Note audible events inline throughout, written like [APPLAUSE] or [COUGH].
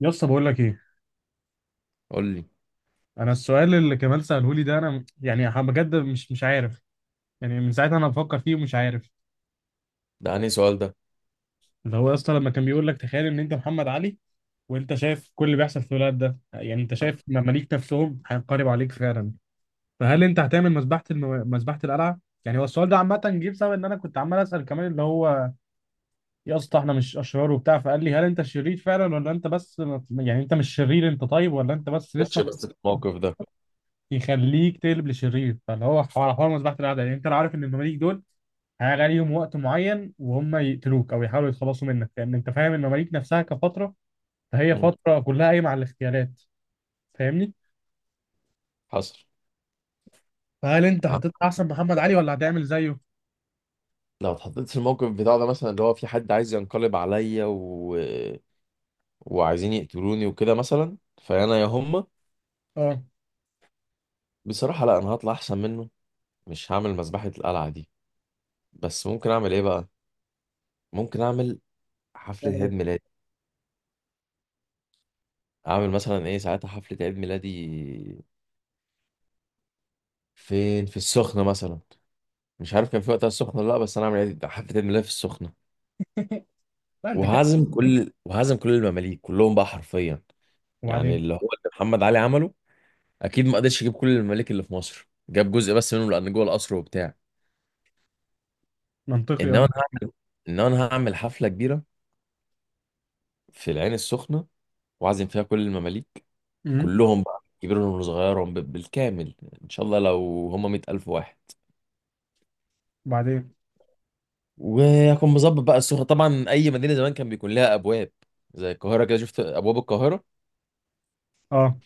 يا اسطى بقول لك ايه؟ قول لي. انا السؤال اللي كمال ساله لي ده انا بجد مش عارف. يعني من ساعتها انا بفكر فيه ومش عارف. ده أنهي سؤال ده؟ اللي هو يا اسطى لما كان بيقول لك تخيل ان انت محمد علي، وانت شايف كل اللي بيحصل في الولاد ده، يعني انت شايف مماليك نفسهم هينقلبوا عليك فعلا، فهل انت هتعمل مذبحه القلعه؟ يعني هو السؤال ده عامه جه بسبب ان انا كنت عمال اسال كمان، اللي هو يا اسطى احنا مش اشرار وبتاع، فقال لي هل انت شرير فعلا ولا انت بس، يعني انت مش شرير انت طيب، ولا انت بس ماتش لسه بس في الموقف ده. يخليك تقلب لشرير؟ فاللي هو حوار مذبحة الأعداء، يعني أنت لو عارف إن المماليك دول هيجي عليهم وقت معين وهم يقتلوك أو يحاولوا يتخلصوا منك، لأن أنت فاهم المماليك نفسها كفترة، فهي مم. فترة كلها قايمة على الاغتيالات. فاهمني؟ حصل. فهل أنت آه، هتطلع أحسن محمد علي ولا هتعمل زيه؟ لو اتحطيت في الموقف بتاع ده مثلا اللي هو في حد عايز ينقلب عليا وعايزين يقتلوني وكده مثلا. فأنا يا هما، أه. بصراحة لا، أنا هطلع أحسن منه. مش هعمل مذبحة القلعة دي. بس ممكن أعمل إيه بقى؟ ممكن أعمل حفلة تعمل عيد إيه؟ ميلادي. أعمل مثلا إيه ساعتها؟ حفلة عيد ميلادي فين؟ في السخنة مثلا. مش عارف كان في وقتها السخنة ولا لا، بس أنا أعمل حفلة عيد ميلادي في السخنة. لا أنت كده. وهعزم كل المماليك كلهم بقى حرفيا. يعني وبعدين؟ اللي هو اللي محمد علي عمله، اكيد ما قدرش يجيب كل الممالك اللي في مصر، جاب جزء بس منهم لان جوه القصر وبتاع. منطقي انما انا أه. هعمل انما انا هعمل حفله كبيره في العين السخنه، واعزم فيها كل المماليك أمم. كلهم بقى، كبيرهم وصغيرهم بالكامل. ان شاء الله لو هم 100,000 واحد. وبعدين؟ وهكون مظبط بقى السخنه. طبعا اي مدينه زمان كان بيكون لها ابواب، زي القاهره كده، شفت ابواب القاهره. أه.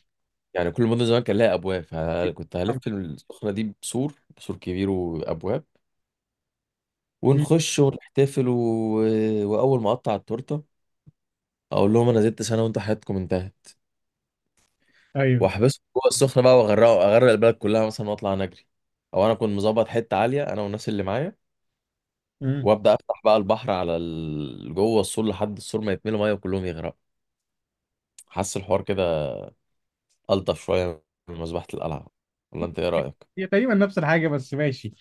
يعني كل مدن زمان كان لها ابواب، فكنت هلف السخنه دي بسور كبير وابواب، أمم. ونخش ونحتفل واول ما اقطع التورته، اقول لهم انا زدت سنه وانتوا حياتكم انتهت. أيوه. واحبسهم جوه السخنه بقى، اغرق البلد كلها مثلا واطلع نجري. او انا كنت مظبط حته عاليه انا والناس اللي معايا، أمم. وابدا افتح بقى البحر على جوه السور، لحد السور ما يتملوا ميه وكلهم يغرقوا. حاسس الحوار كده الطف شويه من مذبحه القلعه، ولا انت ايه رايك؟ هي تقريبا نفس الحاجة بس ماشي.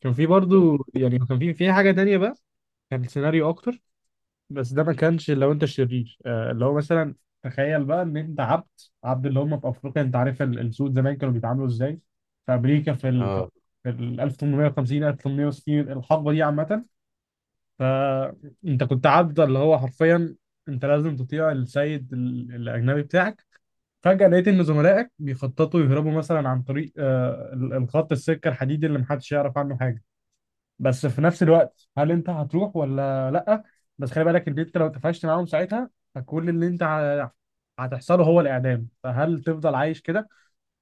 كان في برضو، يعني كان في حاجة تانية بقى، كان سيناريو أكتر، بس ده ما كانش. لو انت شرير اللي هو مثلا، تخيل بقى ان انت عبد، عبد اللي هم في افريقيا. انت عارف السود زمان كانوا بيتعاملوا ازاي في امريكا، اه. في ال 1850 1860، الحقبه دي عامه. فانت كنت عبد اللي هو حرفيا انت لازم تطيع السيد الاجنبي بتاعك. فجاه لقيت ان زملائك بيخططوا يهربوا مثلا عن طريق الخط السكه الحديدي اللي محدش يعرف عنه حاجه. بس في نفس الوقت، هل انت هتروح ولا لا؟ بس خلي بالك ان انت لو اتفقت معاهم ساعتها، فكل اللي هتحصله هو الاعدام. فهل تفضل عايش كده،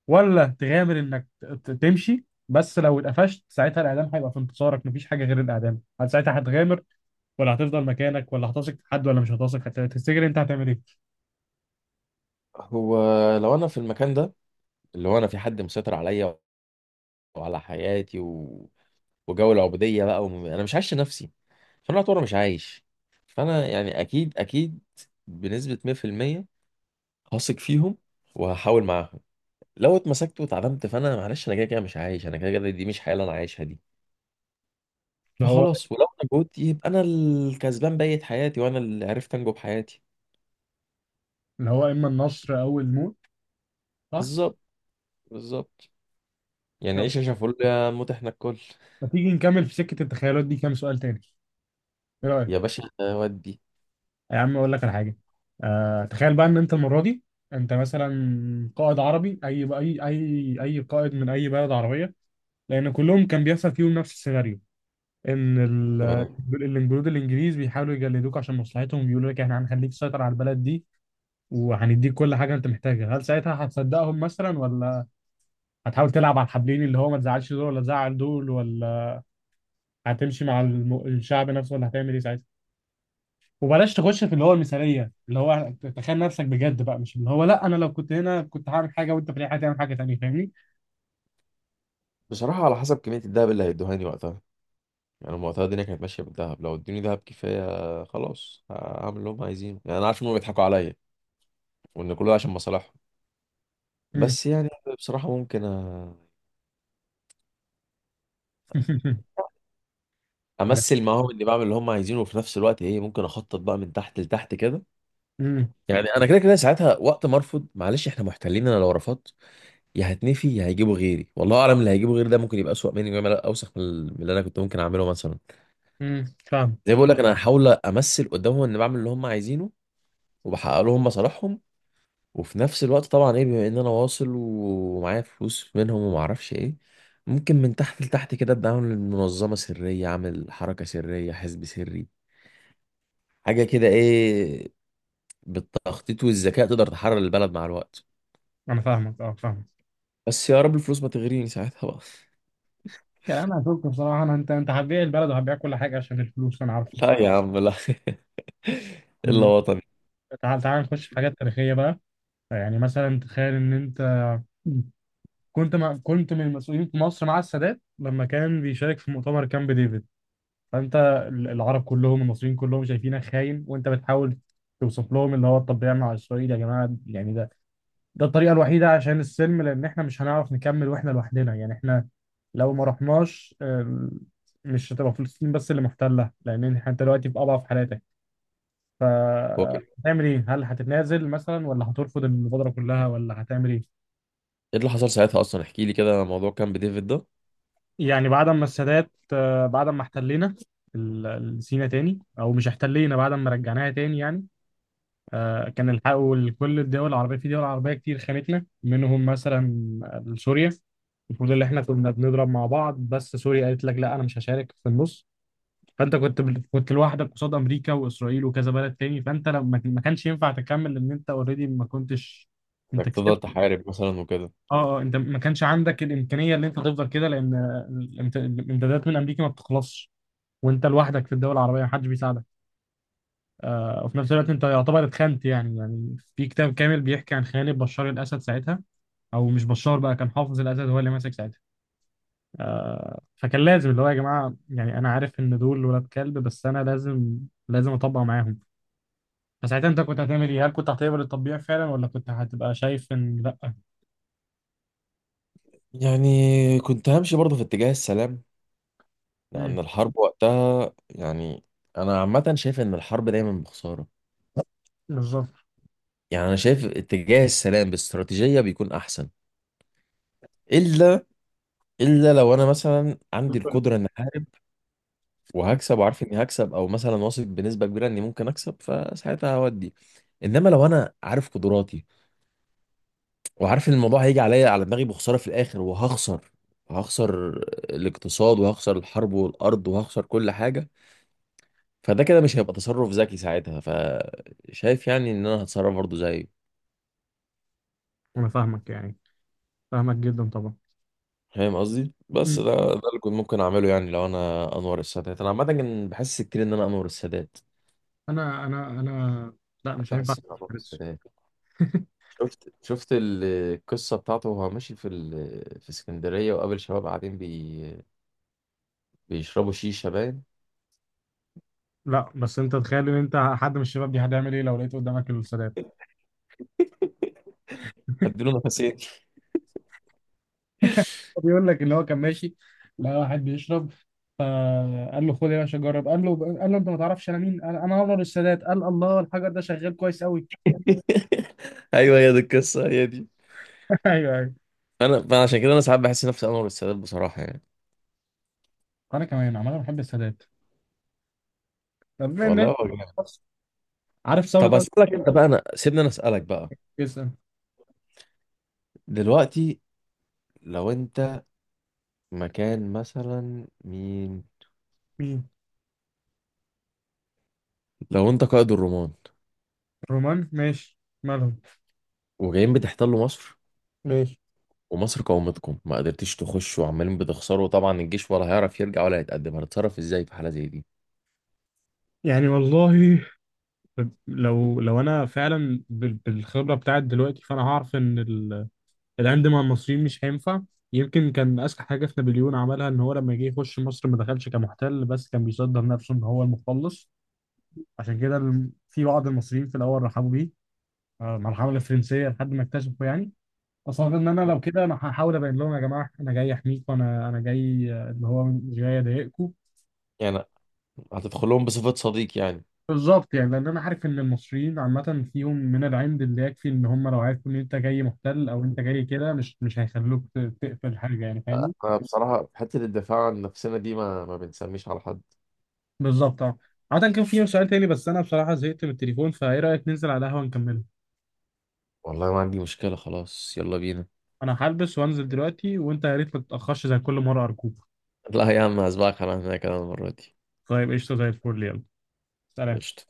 ولا تغامر انك تمشي؟ بس لو اتقفشت ساعتها الاعدام هيبقى في انتصارك، مفيش حاجه غير الاعدام. هل ساعتها هتغامر ولا هتفضل مكانك؟ ولا هتثق في حد ولا مش هتثق؟ هتفتكر انت هتعمل ايه؟ هو لو انا في المكان ده، اللي هو انا في حد مسيطر عليا وعلى حياتي وجو العبودية بقى، أنا مش عايش لنفسي، فأنا أعتبر مش عايش. فأنا يعني أكيد أكيد، بنسبة 100%، هثق فيهم وهحاول معاهم. لو اتمسكت واتعدمت فأنا معلش، أنا كده كده مش عايش، أنا كده كده دي مش حياة اللي أنا عايشها دي. اللي هو فخلاص ولو نجوت يبقى أنا الكسبان بقية حياتي، وأنا اللي عرفت أنجو بحياتي. اللي هو اما النصر او الموت، صح؟ بالظبط، بالظبط. يعني طب عيش عيشة فل يا موت إحنا الكل. ما تيجي نكمل في سكه التخيلات دي كام سؤال تاني، ايه يا رايك؟ باشا ودي. يا عم اقول لك على حاجه. آه، تخيل بقى ان انت المره دي انت مثلا قائد عربي، اي قائد من اي بلد عربيه، لان كلهم كان بيحصل فيهم نفس السيناريو، ان ال- تمام. الجنود الانجليز بيحاولوا يجلدوك عشان مصلحتهم، بيقولوا لك احنا هنخليك تسيطر على البلد دي وهنديك كل حاجه انت محتاجها. هل ساعتها هتصدقهم مثلا، ولا هتحاول تلعب على الحبلين اللي هو ما تزعلش دول ولا تزعل دول، ولا هتمشي مع الشعب نفسه، ولا هتعمل ايه ساعتها؟ وبلاش تخش في اللي هو المثاليه، اللي هو تخيل نفسك بجد بقى مش اللي هو لا انا لو كنت هنا كنت هعمل حاجه وانت في الحياه هتعمل حاجه تانيه. فاهمني؟ بصراحة على حسب كمية الدهب اللي هيدوهاني وقتها. يعني هم وقتها الدنيا كانت ماشيه بالذهب، لو ادوني ذهب كفايه خلاص هعمل اللي هم عايزينه. يعني انا عارف ان هم بيضحكوا عليا وان كله عشان مصالحهم. امم. بس يعني بصراحه ممكن [LAUGHS] طب. امثل معاهم اني بعمل اللي هم عايزينه، وفي نفس الوقت ايه، ممكن اخطط بقى من تحت لتحت كده. امم يعني انا كده كده ساعتها، وقت ما ارفض، معلش احنا محتلين، انا لو رفضت يا هتنفي يا هيجيبوا غيري، والله اعلم اللي هيجيبوا غيري ده ممكن يبقى اسوأ مني، ويعمل اوسخ من اللي انا كنت ممكن اعمله مثلا. فاهم. زي ما بقول لك، انا هحاول امثل قدامهم اني بعمل اللي هم عايزينه وبحقق لهم مصالحهم. وفي نفس الوقت طبعا ايه، بما ان انا واصل ومعايا فلوس منهم وما اعرفش ايه، ممكن من تحت لتحت كده ابدا اعمل منظمه سريه، اعمل حركه سريه، حزب سري، حاجه كده ايه. بالتخطيط والذكاء تقدر تحرر البلد مع الوقت. انا فاهمك، اه فاهم. بس يا رب الفلوس ما تغريني ساعتها بقى. يعني انا هشوف بصراحه، انا انت هتبيع البلد وهتبيع كل حاجه عشان الفلوس، انا عارفه. [LAUGHS] لا يا عم لا. [LAUGHS] الا مم. وطني. تعال تعال نخش في حاجات تاريخيه بقى. يعني مثلا تخيل ان انت كنت من المسؤولين في مصر مع السادات لما كان بيشارك في مؤتمر كامب ديفيد. فانت، العرب كلهم، المصريين كلهم شايفينك خاين، وانت بتحاول توصف لهم اللي هو طب ده يعمل على اسرائيل يا جماعه، يعني ده الطريقه الوحيده عشان السلم، لان احنا مش هنعرف نكمل واحنا لوحدنا. يعني احنا لو ما رحناش مش هتبقى فلسطين بس اللي محتله، لان انت دلوقتي في اضعف حالاتك. هو كده. هتعمل ايه؟ هل هتتنازل مثلا، ولا هترفض المبادرة كلها، ولا هتعمل ايه؟ ايه اللي حصل ساعتها اصلا؟ احكي لي كده موضوع كان بديفيد ده. يعني بعد ما السادات بعد ما احتلينا سينا تاني، او مش احتلينا، بعد ما رجعناها تاني يعني. آه، كان الحقوا لكل الدول العربية. في دول عربية كتير خانتنا، منهم مثلا سوريا. المفروض اللي احنا كنا بنضرب مع بعض، بس سوريا قالت لك لا انا مش هشارك في النص. فانت كنت لوحدك قصاد امريكا واسرائيل وكذا بلد تاني. فانت لما ما كانش ينفع تكمل، لان انت اوريدي ما كنتش انك انت كسبت. تفضل تحارب مثلا وكده؟ اه اه، انت ما كانش عندك الامكانيه اللي انت تفضل كده، لان الامدادات من امريكا ما بتخلصش، وانت لوحدك في الدول العربيه ما حدش بيساعدك. آه، وفي نفس الوقت انت يعتبر اتخنت. يعني في كتاب كامل بيحكي عن خيانة بشار الأسد ساعتها، أو مش بشار بقى، كان حافظ الأسد هو اللي ماسك ساعتها. فكان لازم اللي هو يا جماعة، يعني أنا عارف إن دول ولاد كلب، بس أنا لازم أطبق معاهم. فساعتها أنت كنت هتعمل إيه؟ هل كنت هتقبل التطبيع فعلا، ولا كنت هتبقى شايف إن لأ؟ يعني كنت همشي برضه في اتجاه السلام. مم. لأن الحرب وقتها يعني، أنا عامة شايف إن الحرب دايما بخسارة. بالظبط. يعني أنا شايف اتجاه السلام باستراتيجية بيكون أحسن. إلا إلا لو أنا مثلا عندي القدرة إن أحارب مم. وهكسب وعارف إني هكسب، أو مثلا واثق بنسبة كبيرة إني ممكن أكسب، فساعتها هودي. إنما لو أنا عارف قدراتي وعارف إن الموضوع هيجي عليا على دماغي بخسارة في الآخر، هخسر الاقتصاد وهخسر الحرب والأرض وهخسر كل حاجة، فده كده مش هيبقى تصرف ذكي ساعتها. فشايف يعني ان انا هتصرف برضه زيه. أنا فاهمك يعني، فاهمك جدا طبعا. فاهم قصدي؟ بس مم. ده، ده اللي كنت ممكن اعمله. يعني لو انا انور السادات، انا عامه كان بحس كتير ان انا انور السادات، أنا لأ مش هينفع. بحس ان انا انور أعترض. السادات. [LAUGHS] شفت القصه بتاعته وهو ماشي في اسكندريه، وقابل شباب قاعدين بيشربوا شيشه باين. لا بس انت تخيل ان انت حد من الشباب دي، هتعمل ايه لو لقيت قدامك السادات؟ هديله نفسين. [LAUGHS] هو بيقول لك ان هو كان ماشي، لقى واحد بيشرب، فقال له خد يا باشا جرب. قال له انت ما تعرفش انا مين؟ قال انا انور السادات. قال الله، الحجر ده شغال كويس قوي. ايوه هي دي القصه هي دي. [LAUGHS] ايوه ايوه. انا فأنا عشان كده انا ساعات بحس نفسي انور السادات بصراحه يعني. انا كمان عمال بحب السادات. طب بما والله ان، هو جامد. عارف طب ثورة اسالك انت بقى، انا سيبني انا اسالك بقى. 1900؟ دلوقتي لو انت مكان مثلا مين؟ مين؟ لو انت قائد الرومان رومان، ماشي. مالهم؟ وجايين بتحتلوا مصر، ماشي. ومصر قاومتكم ما قدرتيش تخشوا وعمالين بتخسروا طبعا، الجيش ولا هيعرف يرجع ولا هيتقدم، هتتصرف ازاي في حالة زي دي؟ يعني والله، لو انا فعلا بالخبره بتاعت دلوقتي، فانا هعرف ان العند مع المصريين مش هينفع. يمكن كان اذكى حاجه في نابليون عملها ان هو لما جه يخش مصر ما دخلش كمحتل، بس كان بيصدر نفسه ان هو المخلص. عشان كده في بعض المصريين في الاول رحبوا بيه، آه، مع الحمله الفرنسيه، لحد ما اكتشفوا. يعني اصلا ان انا لو كده انا هحاول ابين لهم يا جماعه انا جاي احميكم، انا جاي اللي هو مش جاي اضايقكم. يعني هتدخل لهم بصفة صديق يعني؟ بالظبط، يعني لان انا عارف ان المصريين عامه فيهم من العند اللي يكفي ان هم لو عرفوا ان انت جاي محتل او انت جاي كده مش هيخلوك تقفل حاجه، يعني فاهمني. أنا بصراحة في حتة الدفاع عن نفسنا دي ما بنسميش على حد. بالظبط اه. عادة كان في سؤال تاني بس انا بصراحة زهقت من التليفون، فايه رأيك ننزل على القهوة نكمله؟ والله ما عندي مشكلة، خلاص يلا بينا. انا هلبس وانزل دلوقتي، وانت يا ريت ما تتأخرش زي كل مرة، ارجوك. لا يا عم، هسبقك على هناك انا المرة دي. طيب قشطة زي الفل، يلا. سلام. قشطة.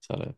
سلام.